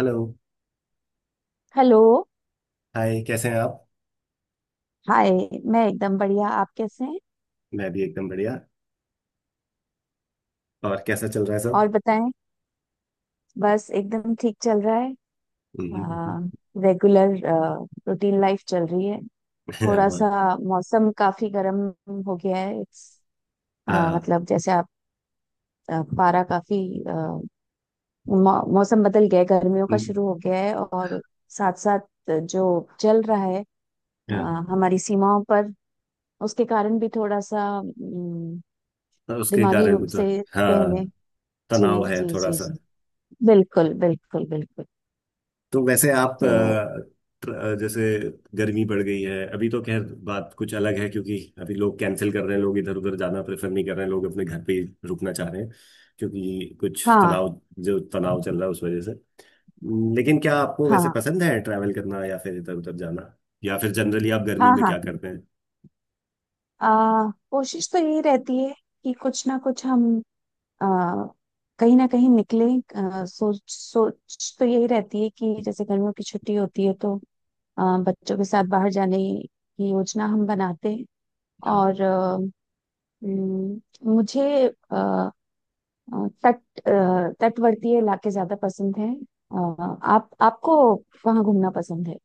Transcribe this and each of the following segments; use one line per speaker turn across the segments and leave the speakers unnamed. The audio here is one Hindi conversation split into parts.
हेलो।
हेलो।
हाय, कैसे हैं आप?
हाय। मैं एकदम बढ़िया। आप कैसे हैं?
मैं भी एकदम बढ़िया। और कैसा चल रहा है
और
सब?
बताएं। बस एकदम ठीक चल रहा है।
हम्म, हम्म,
रेगुलर रूटीन लाइफ चल रही है। थोड़ा
हम्म।
सा मौसम काफी गर्म हो गया है। इट्स
हाँ।
मतलब जैसे आप, पारा काफी, अ, मौसम बदल गया है, गर्मियों का
हम्म,
शुरू हो गया है। और साथ साथ जो चल रहा है अ,
हाँ,
हमारी सीमाओं पर, उसके कारण भी थोड़ा सा
तो उसके
दिमागी
कारण
रूप
कुछ।
से कह
हाँ,
लें। जी,
तनाव है
जी,
थोड़ा
जी,
सा।
जी। बिल्कुल, बिल्कुल, बिल्कुल।
तो वैसे आप
तो।
जैसे गर्मी बढ़ गई है अभी तो खैर बात कुछ अलग है, क्योंकि अभी लोग कैंसिल कर रहे हैं, लोग इधर उधर जाना प्रेफर नहीं कर रहे हैं, लोग अपने घर पे ही रुकना चाह रहे हैं, क्योंकि कुछ
हाँ,
तनाव जो तनाव चल रहा है उस वजह से। लेकिन क्या आपको वैसे
हाँ,
पसंद है ट्रैवल करना या फिर इधर उधर जाना? या फिर जनरली आप गर्मी
हाँ,
में
हाँ।
क्या करते हैं?
कोशिश तो यही रहती है कि कुछ ना कुछ हम आ, कहीं ना कहीं निकले। सोच सोच तो यही रहती है कि जैसे गर्मियों की छुट्टी होती है तो बच्चों के साथ बाहर जाने की योजना हम बनाते हैं।
हाँ,
और हम्म, मुझे आ, आ, तट आ, तटवर्ती इलाके ज्यादा पसंद हैं। आ, आप आपको कहाँ घूमना पसंद है?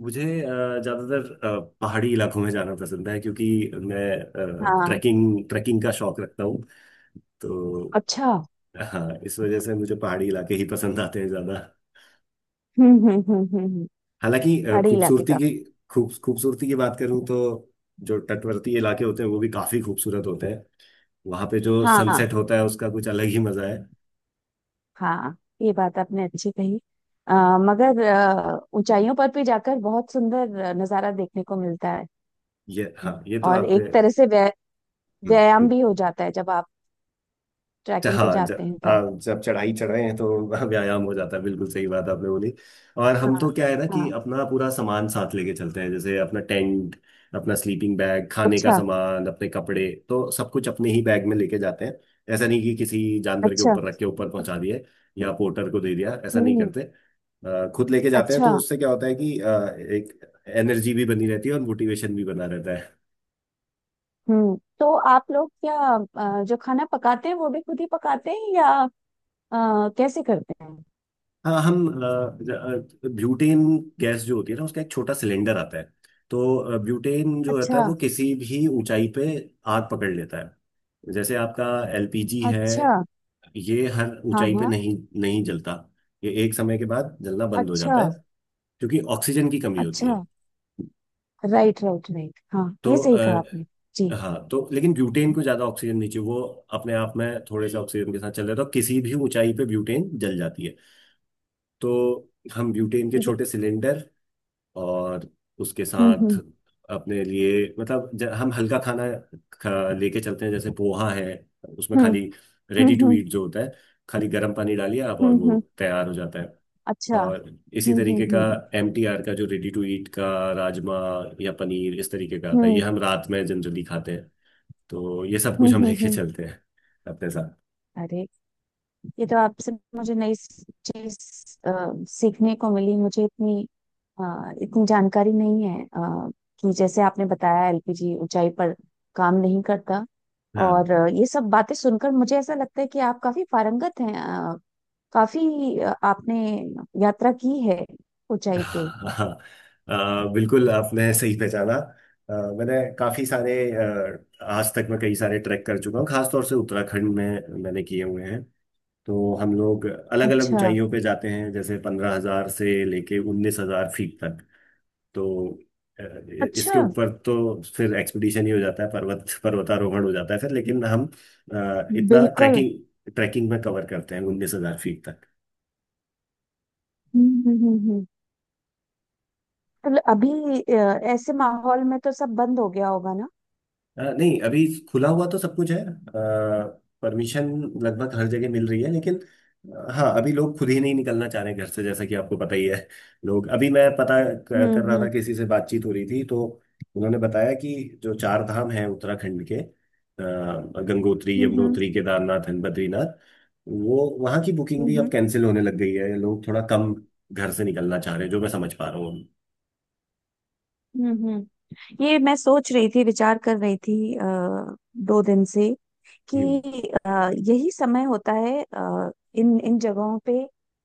मुझे ज्यादातर पहाड़ी इलाकों में जाना पसंद है, क्योंकि मैं
हाँ।
ट्रैकिंग ट्रैकिंग का शौक रखता हूँ। तो
अच्छा।
हाँ, इस वजह से मुझे पहाड़ी इलाके ही पसंद आते हैं ज्यादा।
हम्म, हम्म, हम्म,
हालांकि
पहाड़ी इलाके का।
खूबसूरती की बात करूँ तो जो तटवर्ती इलाके होते हैं वो भी काफी खूबसूरत होते हैं, वहां पे जो सनसेट
हाँ,
होता है उसका कुछ अलग ही मजा है।
हाँ। ये बात आपने अच्छी कही। अ, मगर ऊंचाइयों पर भी जाकर बहुत सुंदर नजारा देखने को मिलता है।
ये हाँ, ये
हम्म।
तो
और
आपने।
एक तरह से
हम्म,
व्यायाम
हम्म।
भी हो जाता है जब आप ट्रैकिंग पे
हाँ ज-
जाते हैं, तब।
हाँ, जब चढ़ाई चढ़े हैं तो व्यायाम हो जाता है, बिल्कुल सही बात आपने बोली। और हम
हाँ,
तो क्या है ना कि
हाँ।
अपना पूरा सामान साथ लेके चलते हैं, जैसे अपना टेंट, अपना स्लीपिंग बैग, खाने का
अच्छा।
सामान, अपने कपड़े, तो सब कुछ अपने ही बैग में लेके जाते हैं। ऐसा नहीं कि किसी जानवर के
अच्छा।
ऊपर रख के ऊपर पहुंचा दिए या पोर्टर को दे दिया, ऐसा नहीं
हम्म।
करते। खुद लेके जाते हैं
अच्छा।
तो उससे क्या होता है कि एक एनर्जी भी बनी रहती है और मोटिवेशन भी बना रहता।
हम्म। तो आप लोग क्या, जो खाना पकाते हैं वो भी खुद ही पकाते हैं या कैसे करते हैं?
हाँ, हम ब्यूटेन गैस जो होती है ना उसका एक छोटा सिलेंडर आता है। तो ब्यूटेन जो रहता
अच्छा।
है वो किसी भी ऊंचाई पे आग पकड़ लेता है, जैसे आपका एलपीजी है।
अच्छा।
ये हर
हाँ,
ऊंचाई पे
हाँ।
नहीं, नहीं जलता। ये एक समय के बाद जलना बंद हो
अच्छा।
जाता है, क्योंकि ऑक्सीजन की कमी होती है।
अच्छा। Right, right, right. हाँ, ये
तो
सही कहा आपने। जी।
हाँ, तो लेकिन ब्यूटेन को ज्यादा ऑक्सीजन नहीं चाहिए, वो अपने आप में थोड़े से ऑक्सीजन के साथ चल रहा है, तो किसी भी ऊंचाई पे ब्यूटेन जल जाती है। तो हम ब्यूटेन के
जी।
छोटे सिलेंडर और उसके
हम्म,
साथ
हम्म,
अपने लिए, मतलब हम हल्का खाना लेके चलते हैं। जैसे पोहा है, उसमें
हम्म,
खाली,
हम्म,
रेडी टू
हम्म,
ईट जो होता है, खाली गर्म पानी डालिए आप और
हम्म,
वो
हम्म।
तैयार हो जाता है।
अच्छा।
और इसी
हम्म, हम्म,
तरीके का
हम्म,
एमटीआर का जो रेडी टू ईट का राजमा या पनीर इस तरीके का आता है, ये
हम्म,
हम रात में जनरली खाते हैं। तो ये सब
हम्म,
कुछ हम
हम्म,
लेके चलते हैं अपने साथ।
अरे, ये तो आपसे मुझे नई चीज सीखने को मिली। मुझे इतनी अ, इतनी जानकारी नहीं है कि जैसे आपने बताया, एलपीजी ऊंचाई पर काम नहीं करता। और
हाँ।
ये सब बातें सुनकर मुझे ऐसा लगता है कि आप काफी पारंगत हैं, काफी आपने यात्रा की है ऊंचाई पे।
हाँ, बिल्कुल आपने सही पहचाना। मैंने काफ़ी सारे आज तक मैं कई सारे ट्रैक कर चुका हूँ, खासतौर से उत्तराखंड में मैंने किए हुए हैं। तो हम लोग अलग अलग
अच्छा।
ऊंचाइयों पे जाते हैं, जैसे 15,000 से लेके 19,000 फीट तक। तो अ,
अच्छा।
इसके ऊपर तो फिर एक्सपीडिशन ही हो जाता है, पर्वतारोहण हो जाता है फिर, लेकिन हम इतना
बिल्कुल।
ट्रैकिंग ट्रैकिंग में कवर करते हैं, 19,000 फीट।
हम्म, हम्म, हम्म, तो अभी ऐसे माहौल में तो सब बंद हो गया होगा ना?
नहीं, अभी खुला हुआ तो सब कुछ है, परमिशन लगभग हर जगह मिल रही है, लेकिन हाँ, अभी लोग खुद ही नहीं निकलना चाह रहे हैं घर से, जैसा कि आपको पता ही है। लोग अभी, मैं पता
हम्म,
कर रहा था,
हम्म,
किसी से बातचीत हो रही थी, तो उन्होंने बताया कि जो चार धाम हैं उत्तराखंड के, गंगोत्री,
हम्म,
यमुनोत्री, केदारनाथ एंड बद्रीनाथ, वो वहाँ की बुकिंग भी
हम्म,
अब
हम्म,
कैंसिल होने लग गई है, लोग थोड़ा कम घर से निकलना चाह रहे हैं, जो मैं समझ पा रहा हूँ।
हम्म, ये मैं सोच रही थी, विचार कर रही थी 2 दिन से कि
हम्म,
अ, यही समय होता है इन इन जगहों पे,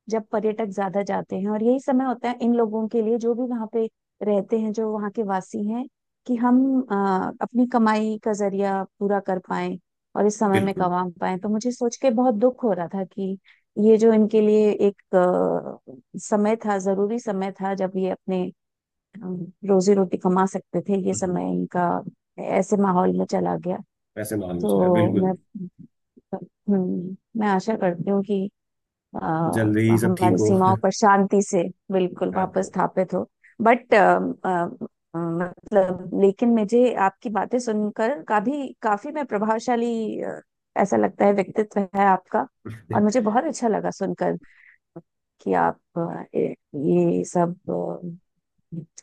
जब पर्यटक ज्यादा जाते हैं। और यही समय होता है इन लोगों के लिए, जो भी वहाँ पे रहते हैं, जो वहाँ के वासी हैं, कि हम अपनी कमाई का जरिया पूरा कर पाए, और इस समय में
बिल्कुल।
कमा पाए। तो मुझे सोच के बहुत दुख हो रहा था कि ये जो इनके लिए एक समय था, जरूरी समय था, जब ये अपने रोजी रोटी कमा सकते थे, ये
हम्म,
समय इनका ऐसे माहौल में चला गया।
ऐसे माहौल में चल रहा है,
तो मैं,
बिल्कुल।
मैं आशा करती हूँ कि आ,
जल्दी ही सब ठीक
हमारी
हो
सीमाओं पर शांति से बिल्कुल
हाँ,
वापस
तो
स्थापित हो। बट मतलब, लेकिन मुझे आपकी बातें सुनकर काफी काफी मैं प्रभावशाली, ऐसा लगता है, व्यक्तित्व है आपका। और मुझे बहुत अच्छा लगा सुनकर कि आप ये सब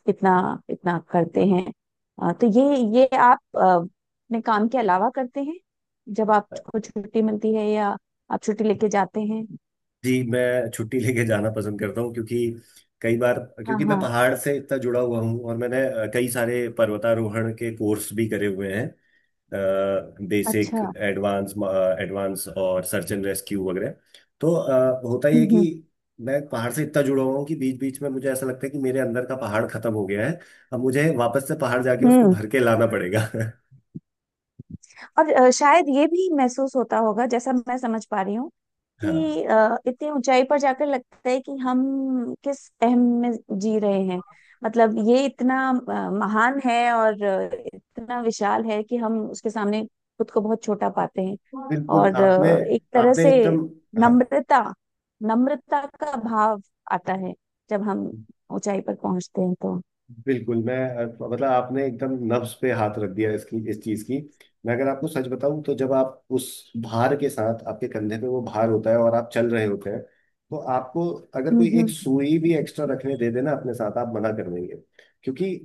कितना इतना करते हैं। तो ये आप अपने काम के अलावा करते हैं जब आपको छुट्टी मिलती है, या आप छुट्टी लेके जाते हैं?
जी, मैं छुट्टी लेके जाना पसंद करता हूँ, क्योंकि कई बार,
हाँ,
क्योंकि मैं
हाँ।
पहाड़ से इतना जुड़ा हुआ हूँ और मैंने कई सारे पर्वतारोहण के कोर्स भी करे हुए हैं, बेसिक,
अच्छा।
एडवांस, एडवांस और सर्च एंड रेस्क्यू वगैरह। तो होता ये है कि
हम्म,
मैं पहाड़ से इतना जुड़ा हुआ हूँ कि बीच बीच में मुझे ऐसा लगता है कि मेरे अंदर का पहाड़ खत्म हो गया है, अब मुझे वापस से पहाड़ जाके उसको
हम्म।
भर के लाना पड़ेगा।
और शायद ये भी महसूस होता होगा, जैसा मैं समझ पा रही हूँ,
हाँ,
कि इतनी ऊंचाई पर जाकर लगता है कि हम किस अहम में जी रहे हैं। मतलब ये इतना महान है और इतना विशाल है कि हम उसके सामने खुद को बहुत छोटा पाते हैं।
बिल्कुल
और
आपने,
एक तरह
आपने
से
एकदम, हाँ,
नम्रता, नम्रता का भाव आता है जब हम ऊंचाई पर पहुंचते हैं, तो।
बिल्कुल। मैं मतलब, आपने एकदम नब्ज पे हाथ रख दिया इसकी, इस चीज की। मैं अगर आपको सच बताऊं तो जब आप उस भार के साथ, आपके कंधे पे वो भार होता है और आप चल रहे होते हैं, तो आपको, अगर कोई एक
हम्म,
सुई भी एक्स्ट्रा रखने दे देना अपने साथ, आप मना कर देंगे, क्योंकि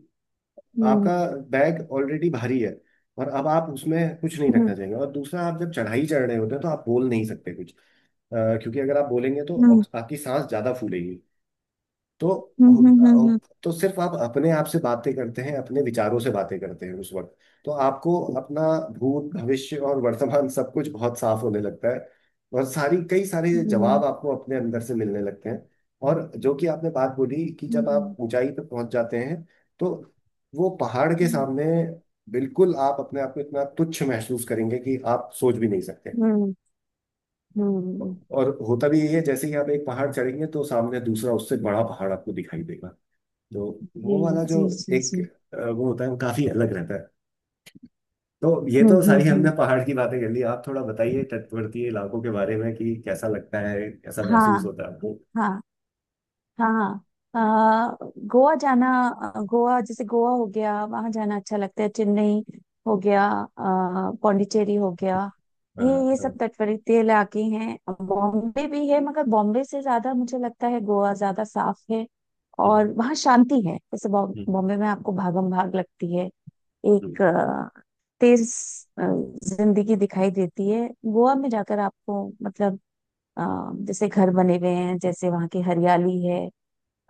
हम्म,
आपका बैग ऑलरेडी भारी है और अब आप उसमें कुछ नहीं
हम्म,
रखना चाहेंगे। और दूसरा, आप जब चढ़ाई चढ़ रहे होते हैं तो आप बोल नहीं सकते कुछ, अ, क्योंकि अगर आप बोलेंगे तो
हम्म,
आपकी सांस ज्यादा फूलेगी। तो
हम्म, हम्म, हम्म, हम्म,
तो सिर्फ आप अपने आप से बातें करते हैं, अपने विचारों से बातें करते हैं उस वक्त। तो आपको अपना भूत, भविष्य और वर्तमान सब कुछ बहुत साफ होने लगता है, और सारी कई सारे
हम्म,
जवाब आपको अपने अंदर से मिलने लगते हैं। और जो कि आपने बात बोली कि
हम्म,
जब
हम्म,
आप ऊंचाई पर पहुंच जाते हैं, तो वो पहाड़ के
हम्म,
सामने बिल्कुल आप अपने आप को इतना तुच्छ महसूस करेंगे कि आप सोच भी नहीं सकते।
हम्म।
और होता भी यही है, जैसे ही आप एक पहाड़ चढ़ेंगे तो सामने दूसरा उससे बड़ा पहाड़ आपको दिखाई देगा। तो
जी,
वो वाला जो
जी, जी, जी।
एक वो होता है, वो काफी अलग रहता है। तो ये
हम्म,
तो
हम्म,
सारी हमने
हम्म।
पहाड़ की बातें कर ली, आप थोड़ा बताइए तटवर्ती इलाकों के बारे में कि कैसा लगता है, कैसा महसूस
हाँ,
होता है आपको?
हाँ, हाँ, हाँ। अ, गोवा जाना, गोवा हो गया, वहां जाना अच्छा लगता है। चेन्नई हो गया, पौंडीचेरी हो गया।
हाँ,
ये
हाँ।
सब तटवर्ती इलाके हैं। बॉम्बे भी है, मगर बॉम्बे से ज्यादा मुझे लगता है गोवा ज्यादा साफ है। और
हम्म,
वहाँ शांति है। जैसे
हम्म,
बॉम्बे में आपको भागम भाग लगती है,
हम्म,
एक तेज अ, जिंदगी दिखाई देती है। गोवा में जाकर आपको मतलब, अ, जैसे घर बने हुए हैं, जैसे वहाँ की हरियाली है।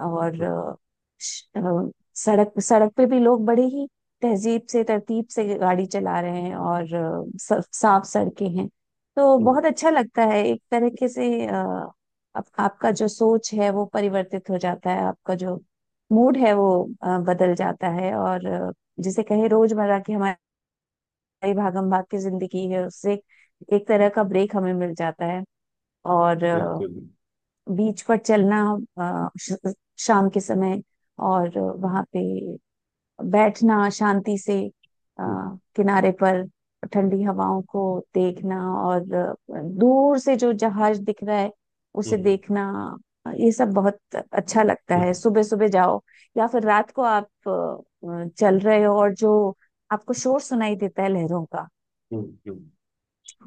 और
हम्म,
श- अ, सड़क सड़क पे भी लोग बड़े ही तहजीब से, तरतीब से गाड़ी चला रहे हैं, और साफ सड़कें हैं। तो
हम्म,
बहुत अच्छा लगता है एक तरीके से। आपका जो सोच है वो परिवर्तित हो जाता है, आपका जो मूड है वो बदल जाता है, और जिसे कहे रोजमर्रा की हमारी भागम भाग की जिंदगी है, उससे एक तरह का ब्रेक हमें मिल जाता है। और
बिल्कुल।
बीच पर चलना अ, श- शाम के समय, और वहां पे बैठना शांति से अ,
हम्म,
किनारे पर, ठंडी हवाओं को देखना, और दूर से जो जहाज दिख रहा है उसे
हम्म,
देखना, ये सब बहुत अच्छा लगता है।
हम्म,
सुबह सुबह जाओ, या फिर रात को आप चल रहे हो, और जो आपको शोर सुनाई देता है लहरों का,
हम्म, हम्म,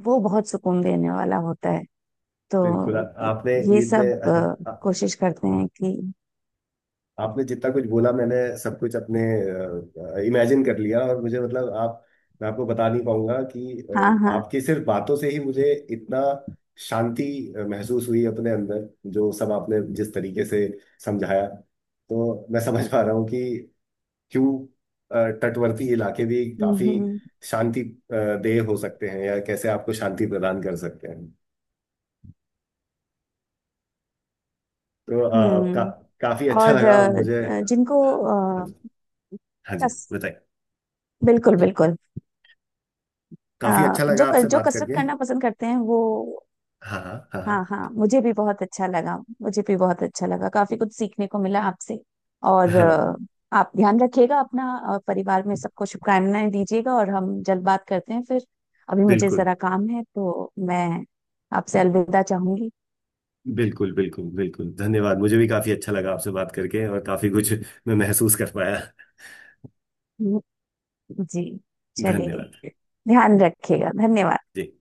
वो बहुत सुकून देने वाला होता है।
बिल्कुल। आ-
तो
आपने
ये
ये पे
सब कोशिश करते हैं कि,
आपने जितना कुछ बोला, मैंने सब कुछ अपने इमेजिन कर लिया और मुझे, मतलब, आप, मैं आपको बता नहीं पाऊंगा कि
हाँ, हाँ।
आपकी सिर्फ बातों से ही मुझे इतना शांति महसूस हुई अपने अंदर, जो सब आपने जिस तरीके से समझाया, तो मैं समझ पा रहा हूँ कि क्यों तटवर्ती इलाके भी
हम्म,
काफी
हम्म,
शांति अ, देह हो सकते हैं या कैसे आपको शांति प्रदान कर सकते हैं। तो
हम्म।
काफी अच्छा
और
लगा मुझे।
जिनको,
हाँ जी।
अ,
हाँ जी,
कस
बताइए।
बिल्कुल, बिल्कुल, अ,
काफी अच्छा
जो
लगा आपसे
जो
बात
कसरत
करके।
करना पसंद करते हैं, वो,
हाँ, हाँ,
हाँ, हाँ, मुझे भी बहुत अच्छा लगा। मुझे भी बहुत अच्छा लगा, काफी कुछ सीखने को मिला आपसे। और
हाँ।
आप ध्यान रखिएगा अपना, और परिवार में सबको शुभकामनाएं दीजिएगा, और हम जल्द बात करते हैं फिर। अभी मुझे
बिल्कुल,
जरा काम है, तो मैं आपसे अलविदा चाहूंगी।
बिल्कुल, बिल्कुल, बिल्कुल, धन्यवाद। मुझे भी काफी अच्छा लगा आपसे बात करके और काफी कुछ मैं महसूस कर पाया।
जी।
धन्यवाद।
चलिए। ध्यान रखिएगा। धन्यवाद।
जी।